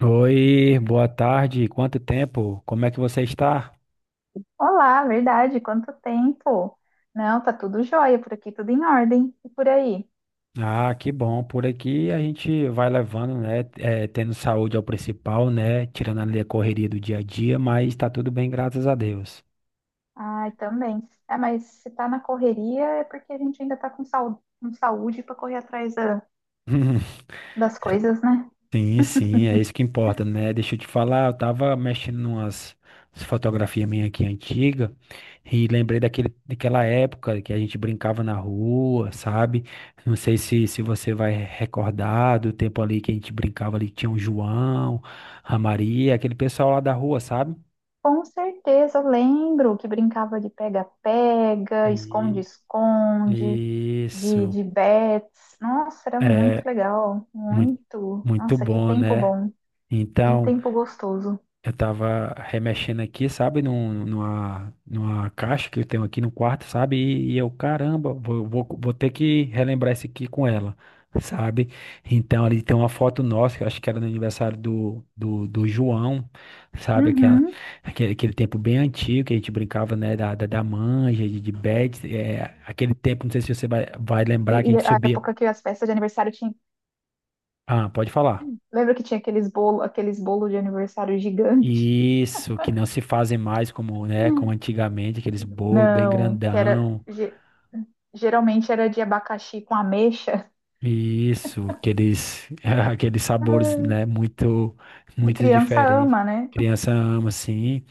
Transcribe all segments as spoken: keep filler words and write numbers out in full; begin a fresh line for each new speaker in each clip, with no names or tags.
Oi, boa tarde. Quanto tempo? Como é que você está?
Olá, verdade, quanto tempo? Não, tá tudo jóia por aqui, tudo em ordem. E por aí?
Ah, que bom. Por aqui a gente vai levando, né? eh, tendo saúde é o principal, né? Tirando ali a correria do dia a dia, mas tá tudo bem, graças a Deus.
Ai, também. É, mas se tá na correria é porque a gente ainda tá com, sau- com saúde para correr atrás da- das coisas, né?
Sim, sim, é isso que importa, né? Deixa eu te falar, eu tava mexendo numas fotografias minha aqui antiga e lembrei daquele, daquela época que a gente brincava na rua, sabe? Não sei se, se você vai recordar do tempo ali que a gente brincava ali, que tinha o João, a Maria, aquele pessoal lá da rua, sabe?
Com certeza, eu lembro que brincava de pega-pega,
E-
esconde-esconde, de,
isso,
de bets. Nossa, era muito
é
legal,
muito,
muito.
muito
Nossa, que
bom,
tempo
né?
bom, que
Então.
tempo gostoso.
Eu tava remexendo aqui, sabe, num, numa, numa caixa que eu tenho aqui no quarto, sabe? E, e eu, caramba, vou, vou, vou ter que relembrar isso aqui com ela, sabe? Então ali tem uma foto nossa, que eu acho que era no aniversário do, do, do João, sabe? Aquela,
Uhum.
aquele, aquele tempo bem antigo que a gente brincava, né? Da, da, da manja, de, de bad, é, aquele tempo, não sei se você vai, vai
E,
lembrar que a
e
gente
a
subia.
época que as festas de aniversário tinham.
Ah, pode falar.
Lembra que tinha aqueles bolo, aqueles bolo de aniversário gigante?
Isso, que não se fazem mais como, né, como antigamente, aqueles bolos bem
Não, que era
grandão.
ge- geralmente era de abacaxi com ameixa,
Isso, aqueles, aqueles sabores, né, muito,
que
muito
criança
diferentes.
ama, né?
Criança ama, assim.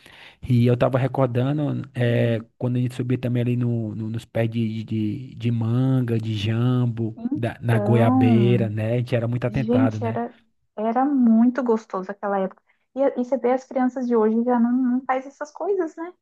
E eu tava recordando, é, quando a gente subia também ali no, no- nos pés de, de, de manga, de jambo, da- na goiabeira,
Então,
né? A gente era muito atentado,
gente,
né?
era era muito gostoso aquela época. E, a- e você vê as crianças de hoje já não, não faz essas coisas, né?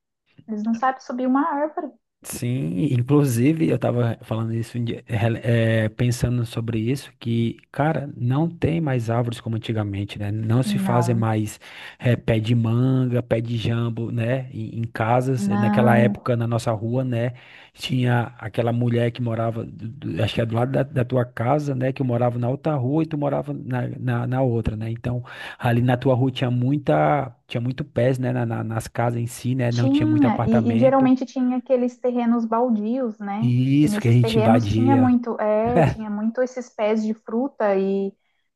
Eles não sabem subir uma árvore.
Sim, inclusive eu estava falando isso, um dia, rele- eh, pensando sobre isso, que, cara, não tem mais árvores como antigamente, né? Não se fazem
Não,
mais eh, pé de manga, pé de jambo, né? Em, em casas. eh, Naquela
não.
época, na nossa rua, né? Tinha aquela mulher que morava, do- do- acho que é do lado da, da tua casa, né? Que eu morava na outra rua e tu morava na, na, na outra, né? Então, ali na tua rua tinha muita, tinha muito pés, né? na, na- nas casas em si, né? Não tinha muito
Tinha, e, e
apartamento.
geralmente tinha aqueles terrenos baldios, né? E
Isso que a
nesses
gente
terrenos tinha
invadia,
muito, é, tinha muito esses pés de fruta e,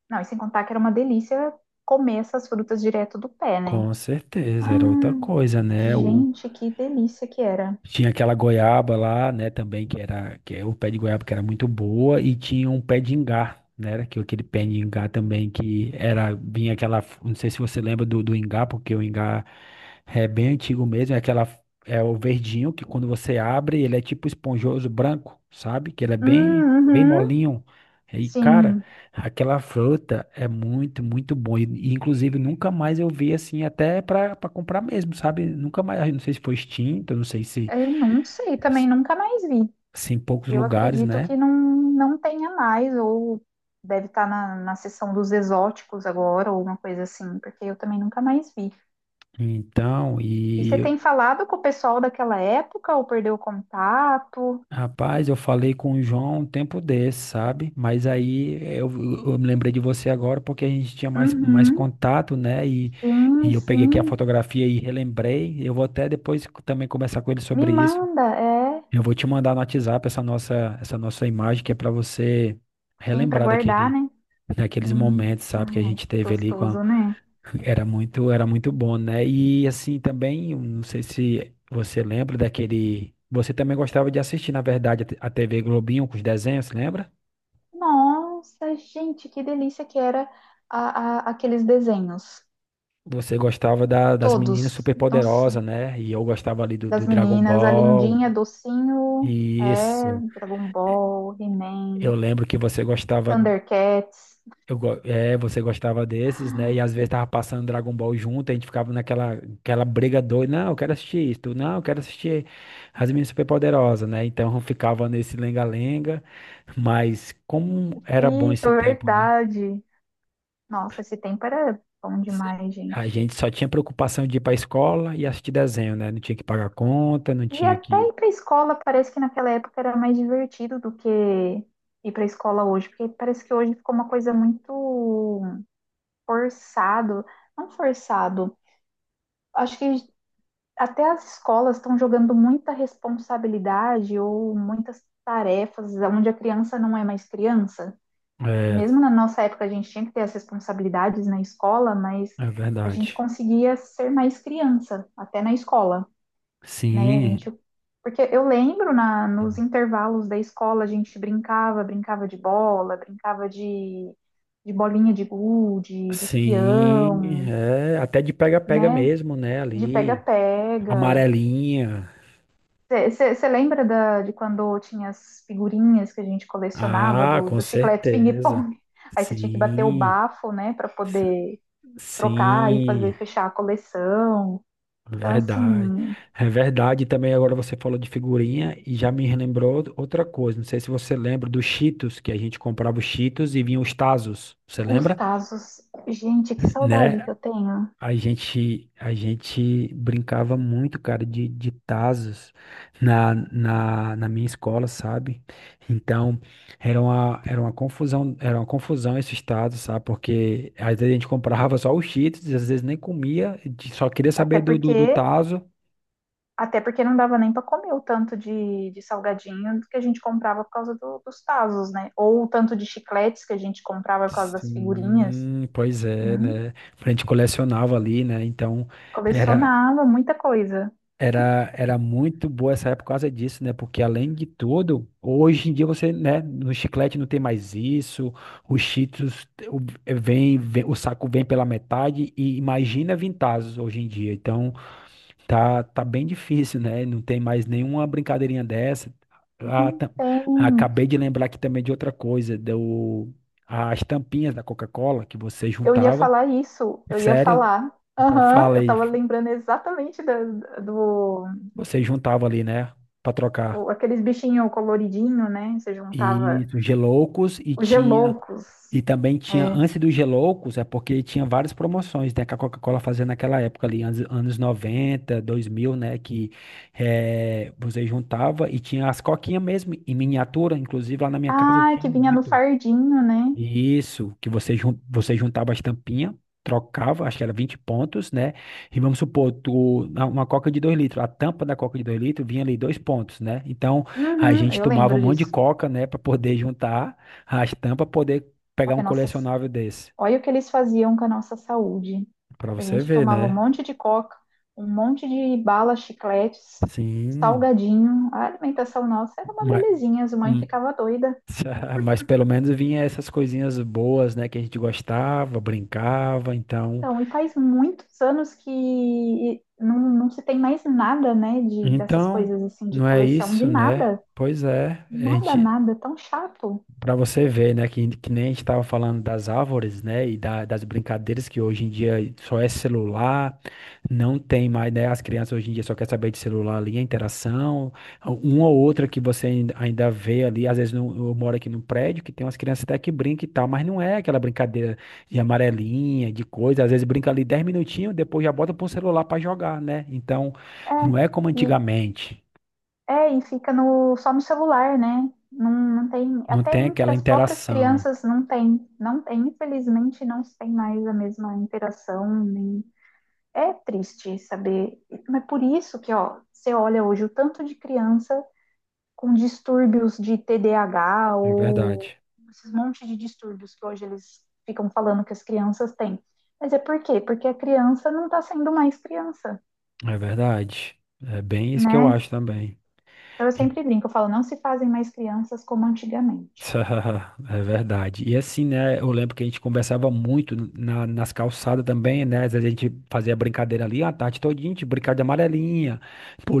não, e sem contar que era uma delícia comer essas frutas direto do pé, né?
com certeza, era outra
Ah,
coisa, né? O,
gente, que delícia que era.
tinha aquela goiaba lá, né, também, que era, que é o pé de goiaba que era muito boa, e tinha um pé de ingá, né, era que- aquele pé de ingá também, que era, vinha aquela, não sei se você lembra do, do ingá, porque o ingá é bem antigo mesmo, é aquela, é o verdinho, que quando você abre, ele é tipo esponjoso, branco, sabe, que ele é bem,
Hum,
bem
uhum,
molinho, e cara,
sim.
aquela fruta é muito, muito bom, e, e, inclusive nunca mais eu vi assim, até pra, pra comprar mesmo, sabe, nunca mais, eu não sei se foi extinto, eu não sei se
É, não sei, também nunca mais vi.
assim, em poucos
Eu
lugares,
acredito
né?
que não, não tenha mais, ou deve estar na, na seção dos exóticos agora, ou uma coisa assim, porque eu também nunca mais vi.
Então,
E você
e
tem falado com o pessoal daquela época ou perdeu o contato?
rapaz, eu falei com o João um tempo desse, sabe? Mas aí eu, eu me lembrei de você agora porque a gente tinha mais, mais
Uhum.
contato, né? E,
Sim,
e eu peguei aqui a
sim.
fotografia e relembrei. Eu vou até depois também conversar com ele
Me
sobre isso.
manda, é.
Eu vou te mandar no WhatsApp essa nossa, essa nossa imagem que é para você
Sim, para
relembrar
guardar,
daquele,
né?
daqueles
Sim.
momentos, sabe? Que a
Ai,
gente
que
teve ali com a,
gostoso, né?
era muito, era muito bom, né? E assim também, eu não sei se você lembra daquele. Você também gostava de assistir, na verdade, a T- a T V Globinho com os desenhos, lembra?
Nossa, gente, que delícia que era a- a- aqueles desenhos.
Você gostava da- das Meninas
Todos.
Superpoderosas,
Nossa,
né? E eu gostava ali do, do
das
Dragon
meninas, a
Ball.
Lindinha, Docinho,
E
é, Dragon Ball, He-Man,
eu lembro que você gostava.
Thundercats.
Eu, go- é, você gostava desses, né? E às vezes tava passando Dragon Ball junto, a gente ficava naquela aquela briga doida. Não, eu quero assistir isso. Não, eu quero assistir As Meninas Superpoderosas, né? Então ficava nesse lenga-lenga. Mas como era bom
Pica,
esse tempo, né?
verdade. Nossa, esse tempo era bom demais, gente.
A gente só tinha preocupação de ir pra escola e assistir desenho, né? Não tinha que pagar conta, não
E
tinha
até
que.
ir para a escola parece que naquela época era mais divertido do que ir para a escola hoje, porque parece que hoje ficou uma coisa muito forçado, não forçado. Acho que até as escolas estão jogando muita responsabilidade ou muitas tarefas onde a criança não é mais criança.
É,
Mesmo na nossa época a gente tinha que ter as responsabilidades na escola, mas
é
a gente
verdade.
conseguia ser mais criança até na escola. Né? A
Sim.
gente, porque eu lembro na, nos intervalos da escola a gente brincava, brincava de bola, brincava de, de bolinha de gude, de
Sim,
peão,
é, até de pega-pega
né?
mesmo, né,
De
ali.
pega-pega.
Amarelinha.
Você lembra da, de quando tinha as figurinhas que a gente colecionava
Ah,
do,
com
do chiclete
certeza.
ping-pong? Aí você tinha que bater o
Sim,
bafo, né, para
s-
poder trocar e fazer
sim,
fechar a coleção. Então,
verdade.
assim,
É verdade. Também agora você falou de figurinha e já me relembrou outra outra coisa. Não sei se você lembra dos Cheetos, que a gente comprava os Cheetos e vinham os Tazos. Você
os
lembra?
casos. Gente, que saudade que
Né?
eu tenho.
A gente, a gente brincava muito, cara, de, de tazos na, na, na minha escola, sabe? Então, era uma, era uma confusão, era uma confusão esses tazos, sabe? Porque às vezes a gente comprava só os Cheetos, às vezes nem comia, de- só queria
Até
saber do, do, do
porque,
tazo.
até porque não dava nem para comer o tanto de, de salgadinho que a gente comprava por causa do- dos tazos, né? Ou o tanto de chicletes que a gente comprava por causa das figurinhas.
Sim, pois é,
Hum,
né? A gente colecionava ali, né? Então, era,
colecionava muita coisa.
era, era muito boa essa época por causa disso, né? Porque além de tudo, hoje em dia você, né, no chiclete não tem mais isso, os Cheetos o- eh, vem, vem- o saco vem pela metade e imagina Vintazos hoje em dia. Então, tá, tá bem difícil, né? Não tem mais nenhuma brincadeirinha dessa. Ah,
Não
tam-
tem.
Acabei de lembrar aqui também de outra coisa, do, as tampinhas da Coca-Cola que você
Eu ia
juntava.
falar isso, eu ia
Sério?
falar.
Então
Aham,
fala
eu
aí,
tava lembrando exatamente da- do,
você juntava ali, né, pra trocar.
o- aqueles bichinhos coloridinhos, né? Você
E
juntava
os Geloucos e
os
tinha
geloucos.
e também tinha
É.
antes dos Geloucos, é porque tinha várias promoções, né, que a Coca-Cola fazia naquela época ali, anos, anos noventa dois mil né, que eh, você juntava e tinha as coquinhas mesmo em miniatura, inclusive lá na minha casa eu
Ah,
tinha
que vinha no
muito.
fardinho, né?
Isso, que você, jun- você juntava as tampinhas, trocava, acho que era vinte pontos, né? E vamos supor, tu, na- uma coca de dois litros, a tampa da coca de dois litros vinha ali dois pontos, né? Então a
Uhum,
gente
eu
tomava um
lembro
monte de
disso.
coca, né, para poder juntar as tampas, poder
Olha,
pegar um
a nossa,
colecionável desse.
olha o que eles faziam com a nossa saúde.
Para
A
você
gente
ver,
tomava um
né?
monte de coca, um monte de bala, chicletes,
Sim,
salgadinho. A alimentação nossa era uma
mas,
belezinha, as mães ficavam doidas.
mas pelo menos vinha essas coisinhas boas, né, que a gente gostava, brincava, então.
Então, e faz muitos anos que não, não se tem mais nada, né, de, dessas
Então,
coisas assim, de
não é
coleção, de
isso, né?
nada.
Pois é, a
Nada,
gente,
nada, tão chato.
para você ver, né, que, que nem a gente estava falando das árvores, né, e da- das brincadeiras que hoje em dia só é celular, não tem mais, né, as crianças hoje em dia só querem saber de celular ali, a interação, uma ou outra que você ainda ainda vê ali, às vezes no- eu moro aqui no prédio, que tem umas crianças até que brincam e tal, mas não é aquela brincadeira de amarelinha, de coisa, às vezes brinca ali dez minutinhos, depois já bota para o celular para jogar, né? Então,
É,
não é como
e
antigamente.
É, e fica no, só no celular, né? Não, não tem,
Não
até
tem
entre
aquela
as próprias
interação.
crianças não tem, não tem, infelizmente não tem mais a mesma interação, nem é triste saber, mas por isso que, ó, você olha hoje o tanto de criança com distúrbios de T D A H
É
ou
verdade.
esses monte de distúrbios que hoje eles ficam falando que as crianças têm. Mas é por quê? Porque a criança não está sendo mais criança,
É verdade. É bem isso que eu
né?
acho também.
Então eu
E-
sempre brinco, eu falo, não se fazem mais crianças como antigamente.
É verdade. E assim, né? Eu lembro que a gente conversava muito na- nas calçadas também, né? Às vezes a gente fazia brincadeira ali, a tarde todinha, a gente brincava de amarelinha,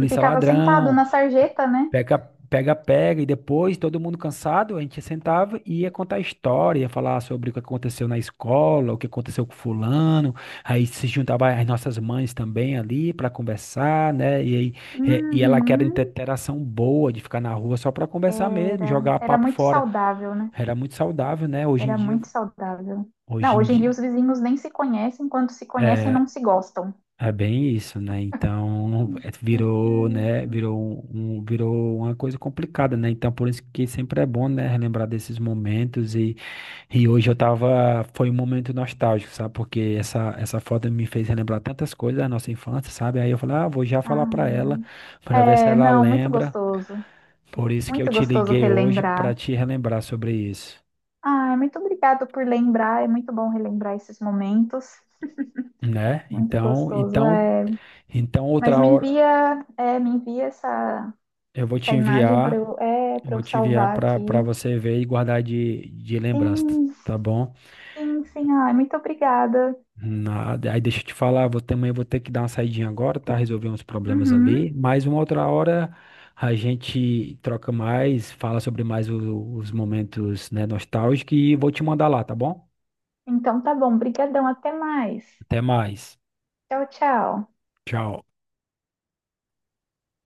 E ficava sentado
ladrão.
na sarjeta, né?
Pega, pega, pega, e depois, todo mundo cansado, a gente sentava e ia contar a história, ia falar sobre o que aconteceu na escola, o que aconteceu com fulano, aí se juntava as nossas mães também ali para conversar, né? E aí, é, e ela quer
Uhum.
interação boa de ficar na rua só para conversar mesmo,
Era,
jogar
era
papo
muito
fora.
saudável, né?
Era muito saudável, né? Hoje em
Era
dia,
muito saudável.
hoje
Não,
em
hoje em dia
dia.
os vizinhos nem se conhecem, quando se conhecem,
É,
não se gostam.
é bem isso, né? Então, é, virou, né?
Uhum.
Virou um, um- virou uma coisa complicada, né? Então, por isso que sempre é bom, né? Relembrar desses momentos e, e hoje eu tava, foi um momento nostálgico, sabe? Porque essa, essa foto me fez relembrar tantas coisas da nossa infância, sabe? Aí eu falei, ah, vou já
Ah,
falar pra ela, pra ver se
é,
ela
não, muito
lembra.
gostoso.
Por isso que eu
Muito
te
gostoso
liguei hoje pra
relembrar.
te relembrar sobre isso,
Ah, é muito obrigado por lembrar. É muito bom relembrar esses momentos.
né?
Muito
Então,
gostoso.
então,
É,
então
mas
outra
me
hora
envia, é, me envia essa,
eu vou
essa
te
imagem para
enviar.
eu, é,
Eu
para
vou
eu
te enviar
salvar
para para
aqui.
você ver e guardar de, de lembrança,
Sim.
tá bom?
Sim, sim. Ai, muito obrigada.
Nada. Aí deixa eu te falar, vou, também vou ter que dar uma saidinha agora, tá? Resolver uns problemas ali,
Uhum.
mas uma outra hora a gente troca mais, fala sobre mais o- os momentos, né, nostálgicos e vou te mandar lá, tá bom?
Então tá bom. Brigadão. Até mais.
Até mais.
Tchau, tchau.
Tchau.